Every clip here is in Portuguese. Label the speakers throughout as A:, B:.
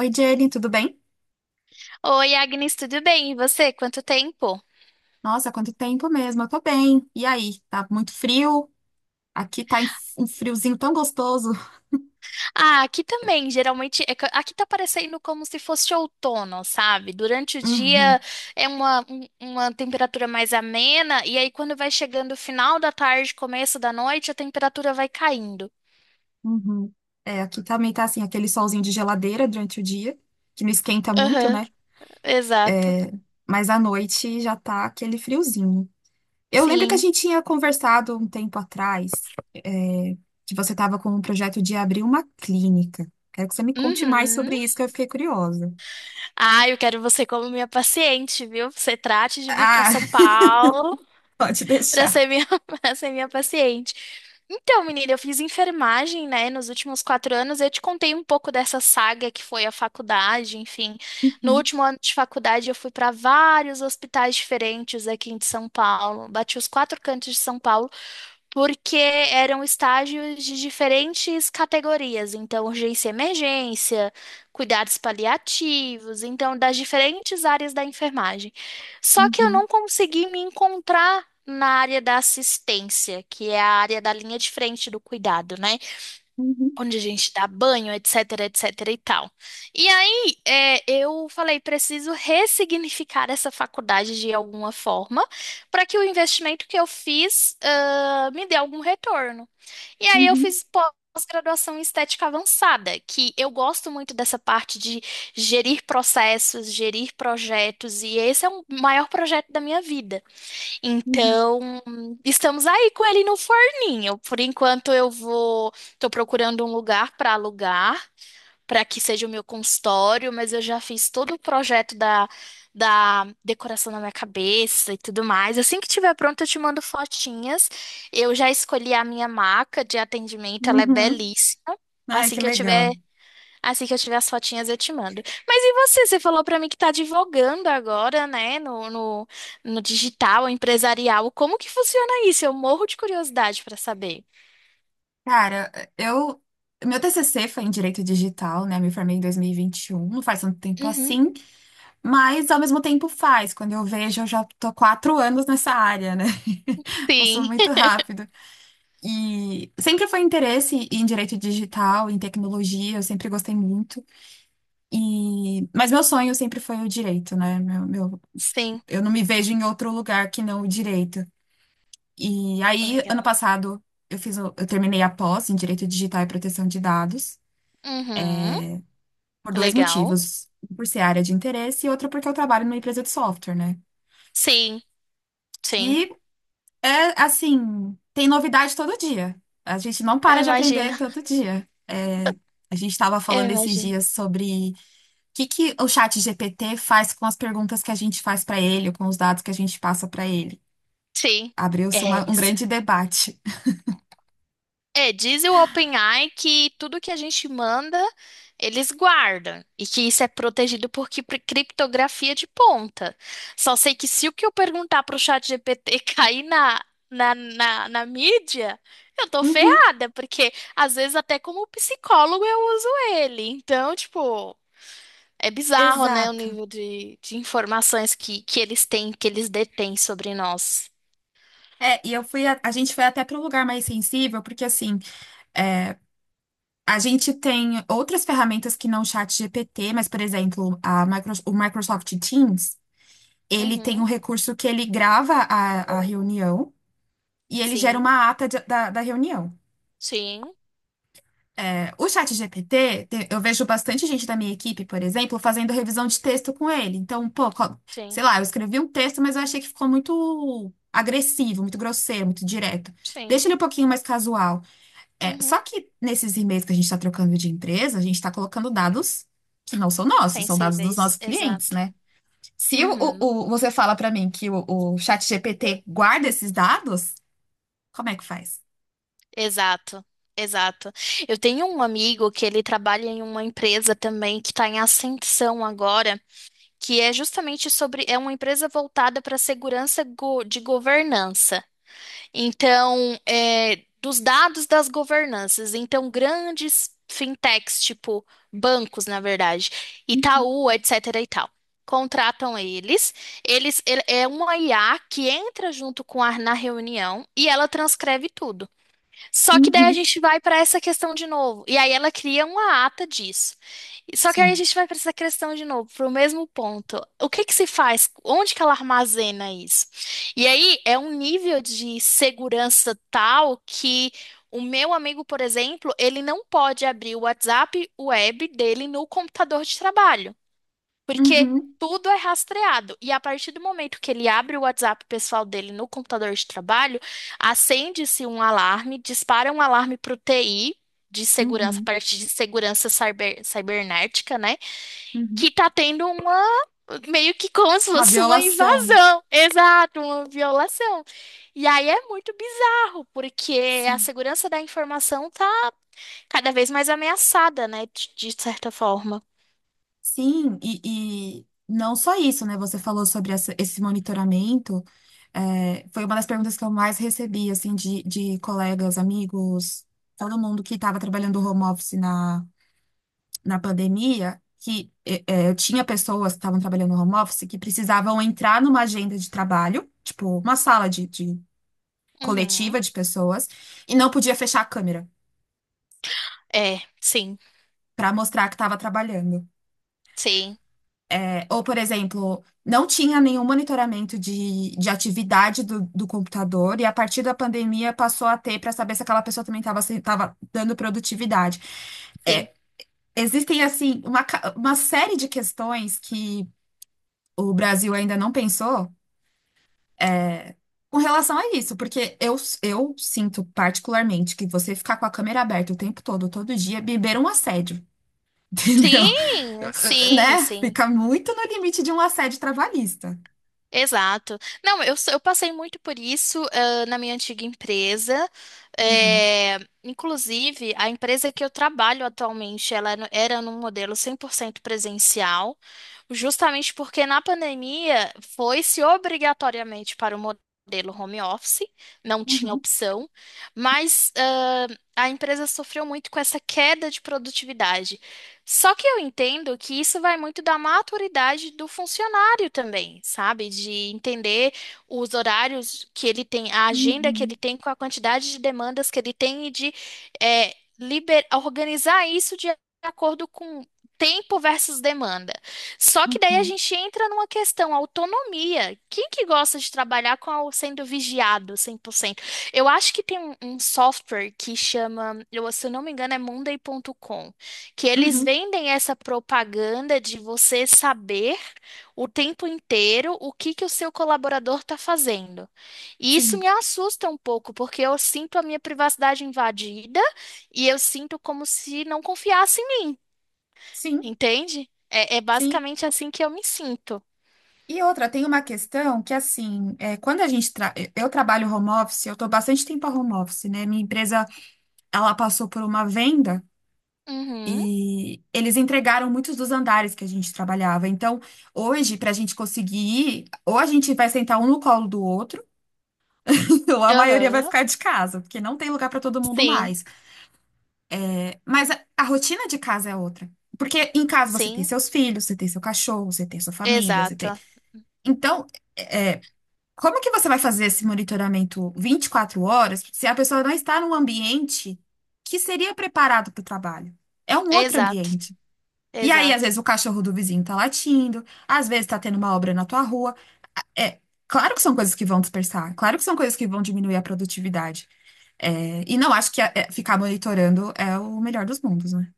A: Oi, Jenny, tudo bem?
B: Oi, Agnes, tudo bem? E você? Quanto tempo?
A: Nossa, quanto tempo mesmo, eu tô bem. E aí, tá muito frio? Aqui tá em- Um friozinho tão gostoso.
B: Ah, aqui também, geralmente, é que aqui tá parecendo como se fosse outono, sabe? Durante o
A: Uhum,
B: dia é uma temperatura mais amena, e aí quando vai chegando o final da tarde, começo da noite, a temperatura vai caindo.
A: uhum. É, aqui também tá assim, aquele solzinho de geladeira durante o dia, que não esquenta muito,
B: Aham,
A: né?
B: exato.
A: Mas à noite já tá aquele friozinho. Eu lembro que a
B: Sim.
A: gente tinha conversado um tempo atrás, que você tava com um projeto de abrir uma clínica. Quero que você me conte mais
B: Uhum.
A: sobre isso, que eu fiquei curiosa.
B: Ah, eu quero você como minha paciente, viu? Você trate de vir para
A: Ah,
B: São Paulo.
A: pode
B: para
A: deixar.
B: ser minha, Para ser minha paciente. Então, menina, eu fiz enfermagem, né, nos últimos 4 anos. Eu te contei um pouco dessa saga que foi a faculdade, enfim. No
A: Uhum,
B: último ano de faculdade, eu fui para vários hospitais diferentes aqui em São Paulo. Bati os quatro cantos de São Paulo porque eram estágios de diferentes categorias, então urgência e emergência, cuidados paliativos, então das diferentes áreas da enfermagem. Só que eu
A: uhum,
B: não consegui me encontrar na área da assistência, que é a área da linha de frente do cuidado, né?
A: uhum,
B: Onde a gente dá banho, etc, etc e tal. E aí, eu falei, preciso ressignificar essa faculdade de alguma forma para que o investimento que eu fiz, me dê algum retorno. E aí eu
A: uhum.
B: fiz pós-graduação em estética avançada, que eu gosto muito dessa parte de gerir processos, gerir projetos, e esse é o maior projeto da minha vida.
A: Uhum.
B: Então, estamos aí com ele no forninho. Por enquanto, eu vou. Estou procurando um lugar para alugar, para que seja o meu consultório, mas eu já fiz todo o projeto da decoração na minha cabeça e tudo mais. Assim que tiver pronto, eu te mando fotinhas. Eu já escolhi a minha maca de atendimento, ela é
A: Uhum.
B: belíssima.
A: Ai,
B: Assim
A: que
B: que eu tiver
A: legal.
B: Assim que eu tiver as fotinhas, eu te mando. Mas e você? Você falou pra mim que tá divulgando agora, né? No, no digital, empresarial. Como que funciona isso? Eu morro de curiosidade pra saber.
A: Cara, eu. Meu TCC foi em Direito Digital, né? Me formei em 2021, não faz tanto tempo
B: Uhum.
A: assim, mas ao mesmo tempo faz. Quando eu vejo, eu já tô 4 anos nessa área, né? Passou
B: Sim.
A: muito rápido. E sempre foi interesse em Direito Digital, em tecnologia, eu sempre gostei muito. E... mas meu sonho sempre foi o direito, né?
B: Sim.
A: Eu não me vejo em outro lugar que não o direito. E aí, ano
B: Legal.
A: passado, eu terminei a pós em Direito Digital e Proteção de Dados
B: Uhum.
A: por dois
B: Legal.
A: motivos. Um, por ser área de interesse e outro porque eu trabalho numa empresa de software, né?
B: Sim, sim.
A: E é assim, tem novidade todo dia. A gente não
B: Eu
A: para de
B: imagino.
A: aprender todo dia. É, a gente estava
B: Eu
A: falando esses
B: imagino.
A: dias sobre o que que o chat GPT faz com as perguntas que a gente faz para ele, ou com os dados que a gente passa para ele.
B: Sim.
A: Abriu-se
B: É
A: uma- um
B: isso.
A: grande debate.
B: É, diz o OpenAI que tudo que a gente manda, eles guardam e que isso é protegido por criptografia de ponta. Só sei que se o que eu perguntar pro chat GPT cair na mídia, eu tô
A: Uhum,
B: ferrada, porque às vezes até como psicólogo eu uso ele. Então, tipo, é bizarro, né, o
A: exato.
B: nível de informações que eles têm, que eles detêm sobre nós.
A: É, e eu fui, a gente foi até para um lugar mais sensível, porque assim, é, a gente tem outras ferramentas que não o chat GPT, mas, por exemplo, o Microsoft Teams, ele tem um
B: Uhum,
A: recurso que ele grava a reunião e ele gera
B: sim,
A: uma ata da reunião.
B: sim,
A: É, o chat GPT, te- eu vejo bastante gente da minha equipe, por exemplo, fazendo revisão de texto com ele. Então, pô,
B: sim,
A: sei lá, eu escrevi um texto, mas eu achei que ficou muito agressivo, muito grosseiro, muito direto.
B: sim.
A: Deixa ele um pouquinho mais casual. É, só
B: Uhum.
A: que nesses e-mails que a gente está trocando de empresa, a gente está colocando dados que não são nossos, são dados dos
B: Sensíveis,
A: nossos clientes,
B: exato.
A: né? Se o,
B: Uhum,
A: o- você fala para mim que o ChatGPT guarda esses dados, como é que faz?
B: exato, exato. Eu tenho um amigo que ele trabalha em uma empresa também que está em ascensão agora, que é justamente sobre, é uma empresa voltada para segurança de governança. Então, é, dos dados das governanças, então grandes fintechs, tipo bancos, na verdade,
A: Uhum,
B: Itaú, etc. e tal, contratam eles. É uma IA que entra junto com a na reunião e ela transcreve tudo. Só que daí a
A: uhum,
B: gente vai para essa questão de novo. E aí ela cria uma ata disso. E só que aí a
A: sim.
B: gente vai para essa questão de novo, para o mesmo ponto. O que que se faz? Onde que ela armazena isso? E aí é um nível de segurança tal que o meu amigo, por exemplo, ele não pode abrir o WhatsApp web dele no computador de trabalho. Porque
A: Uhum,
B: tudo é rastreado. E a partir do momento que ele abre o WhatsApp pessoal dele no computador de trabalho, acende-se um alarme, dispara um alarme para o TI de segurança,
A: uhum,
B: parte de segurança cibernética, né?
A: uhum.
B: Que tá tendo uma. Meio que como se
A: Uma
B: fosse uma
A: violação, né?
B: invasão, exato, uma violação. E aí é muito bizarro, porque a
A: Sim.
B: segurança da informação tá cada vez mais ameaçada, né? De certa forma.
A: Sim, e não só isso, né? Você falou sobre esse monitoramento. É, foi uma das perguntas que eu mais recebi, assim, de colegas, amigos, todo mundo que estava trabalhando home office na pandemia, que é, é, eu tinha pessoas que estavam trabalhando home office que precisavam entrar numa agenda de trabalho, tipo, uma sala de
B: Uhum.
A: coletiva de pessoas, e não podia fechar a câmera
B: É, sim.
A: para mostrar que estava trabalhando.
B: Sim.
A: Ou, por exemplo, não tinha nenhum monitoramento de atividade do computador, e a partir da pandemia passou a ter para saber se aquela pessoa também estava dando produtividade.
B: Sim.
A: É, existem, assim, uma série de questões que o Brasil ainda não pensou, é, com relação a isso, porque eu sinto particularmente que você ficar com a câmera aberta o tempo todo, todo dia, beber um assédio, entendeu?
B: Sim, sim,
A: Né?
B: sim.
A: Fica muito no limite de um assédio trabalhista.
B: Exato. Não, eu passei muito por isso, na minha antiga empresa.
A: Uhum,
B: É, inclusive, a empresa que eu trabalho atualmente, ela no- era num modelo 100% presencial, justamente porque na pandemia foi-se obrigatoriamente para o modelo home office, não tinha
A: uhum,
B: opção, mas a empresa sofreu muito com essa queda de produtividade. Só que eu entendo que isso vai muito da maturidade do funcionário também, sabe? De entender os horários que ele tem, a agenda que ele
A: uhum,
B: tem, com a quantidade de demandas que ele tem e de organizar isso de acordo com tempo versus demanda. Só que daí a
A: uhum,
B: gente entra numa questão autonomia. Quem que gosta de trabalhar com sendo vigiado 100%? Eu acho que tem um software que chama, eu, se eu não me engano, é Monday.com, que eles
A: uhum.
B: vendem essa propaganda de você saber o tempo inteiro o que que o seu colaborador está fazendo. E isso
A: Sim,
B: me assusta um pouco, porque eu sinto a minha privacidade invadida e eu sinto como se não confiasse em mim,
A: sim,
B: entende? É, é
A: sim.
B: basicamente assim que eu me sinto.
A: E outra, tem uma questão que, assim, quando a gente... Eu trabalho home office, eu estou bastante tempo a home office, né? Minha empresa, ela passou por uma venda
B: Uhum,
A: e eles entregaram muitos dos andares que a gente trabalhava. Então, hoje, para a gente conseguir ir, ou a gente vai sentar um no colo do outro, ou a maioria vai
B: aham,
A: ficar de casa, porque não tem lugar para todo mundo
B: sim,
A: mais. Mas a rotina de casa é outra. Porque em casa você tem
B: sim,
A: seus filhos, você tem seu cachorro, você tem sua família, você tem.
B: exato,
A: Então, é, é, como que você vai fazer esse monitoramento 24 horas se a pessoa não está num ambiente que seria preparado para o trabalho? É um outro
B: exato,
A: ambiente. E aí, às
B: exato.
A: vezes, o cachorro do vizinho está latindo, às vezes está tendo uma obra na tua rua. É, claro que são coisas que vão dispersar, claro que são coisas que vão diminuir a produtividade. É, e não acho que ficar monitorando é o melhor dos mundos, né?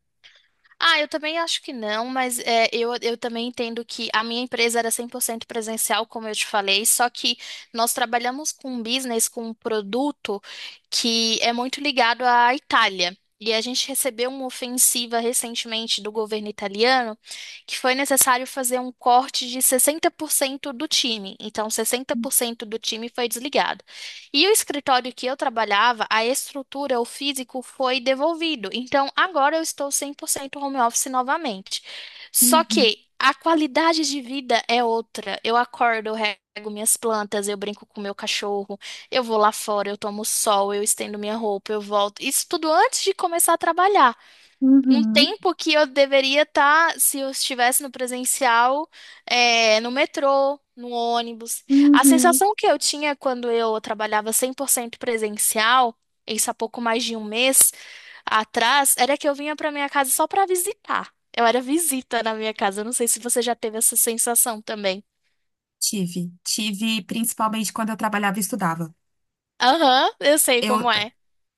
B: Ah, eu também acho que não, mas é, eu também entendo que a minha empresa era 100% presencial, como eu te falei, só que nós trabalhamos com um business, com um produto que é muito ligado à Itália. E a gente recebeu uma ofensiva recentemente do governo italiano que foi necessário fazer um corte de 60% do time. Então, 60% do time foi desligado. E o escritório que eu trabalhava, a estrutura, o físico foi devolvido. Então, agora eu estou 100% home office novamente. Só
A: Uhum,
B: que a qualidade de vida é outra. Eu acordo, eu rego minhas plantas, eu brinco com meu cachorro, eu vou lá fora, eu tomo sol, eu estendo minha roupa, eu volto. Isso tudo antes de começar a trabalhar um
A: uhum,
B: tempo que eu deveria estar, se eu estivesse no presencial, é, no metrô, no ônibus. A
A: uhum.
B: sensação que eu tinha quando eu trabalhava 100% presencial, isso há pouco mais de um mês atrás, era que eu vinha para minha casa só para visitar. Eu era visita na minha casa. Eu não sei se você já teve essa sensação também.
A: Tive. Tive principalmente quando eu trabalhava e estudava.
B: Aham, eu sei
A: Eu,
B: como é.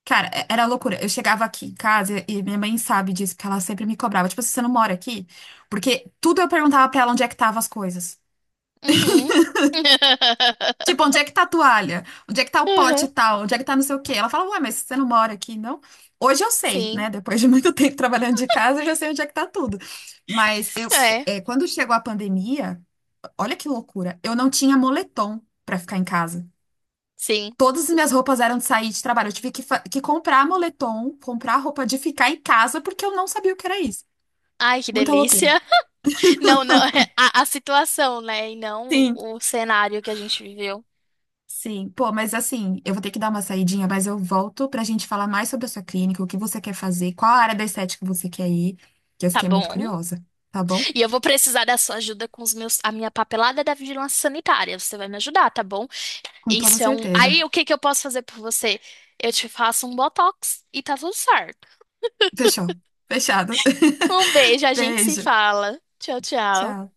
A: cara, era loucura. Eu chegava aqui em casa e minha mãe sabe disso, porque ela sempre me cobrava. Tipo, assim, você não mora aqui? Porque tudo eu perguntava pra ela onde é que estavam as coisas.
B: Uhum.
A: Tipo, onde é que tá a toalha? Onde é que tá o pote
B: Uhum.
A: e tal? Onde é que tá não sei o quê? Ela fala, ué, mas você não mora aqui, não? Hoje eu sei, né?
B: Sim,
A: Depois de muito tempo trabalhando de casa, eu já sei onde é que tá tudo. Mas eu,
B: é,
A: é, quando chegou a pandemia. Olha que loucura. Eu não tinha moletom pra ficar em casa.
B: sim.
A: Todas as minhas roupas eram de sair de trabalho. Eu tive que, que comprar moletom, comprar roupa de ficar em casa, porque eu não sabia o que era isso.
B: Ai, que
A: Muita loucura.
B: delícia. Não, não, a situação, né? E não
A: Sim,
B: o cenário que a gente viveu.
A: sim. Pô, mas assim, eu vou ter que dar uma saidinha, mas eu volto pra gente falar mais sobre a sua clínica, o que você quer fazer, qual a área da estética você quer ir, que eu
B: Tá
A: fiquei muito
B: bom.
A: curiosa, tá bom?
B: E eu vou precisar da sua ajuda com os meus, a minha papelada da vigilância sanitária. Você vai me ajudar, tá bom?
A: Com toda
B: Isso é um.
A: certeza.
B: Aí, o que que eu posso fazer por você? Eu te faço um botox e tá tudo certo.
A: Fechou. Fechado.
B: Um beijo, a gente se
A: Beijo.
B: fala. Tchau, tchau.
A: Tchau.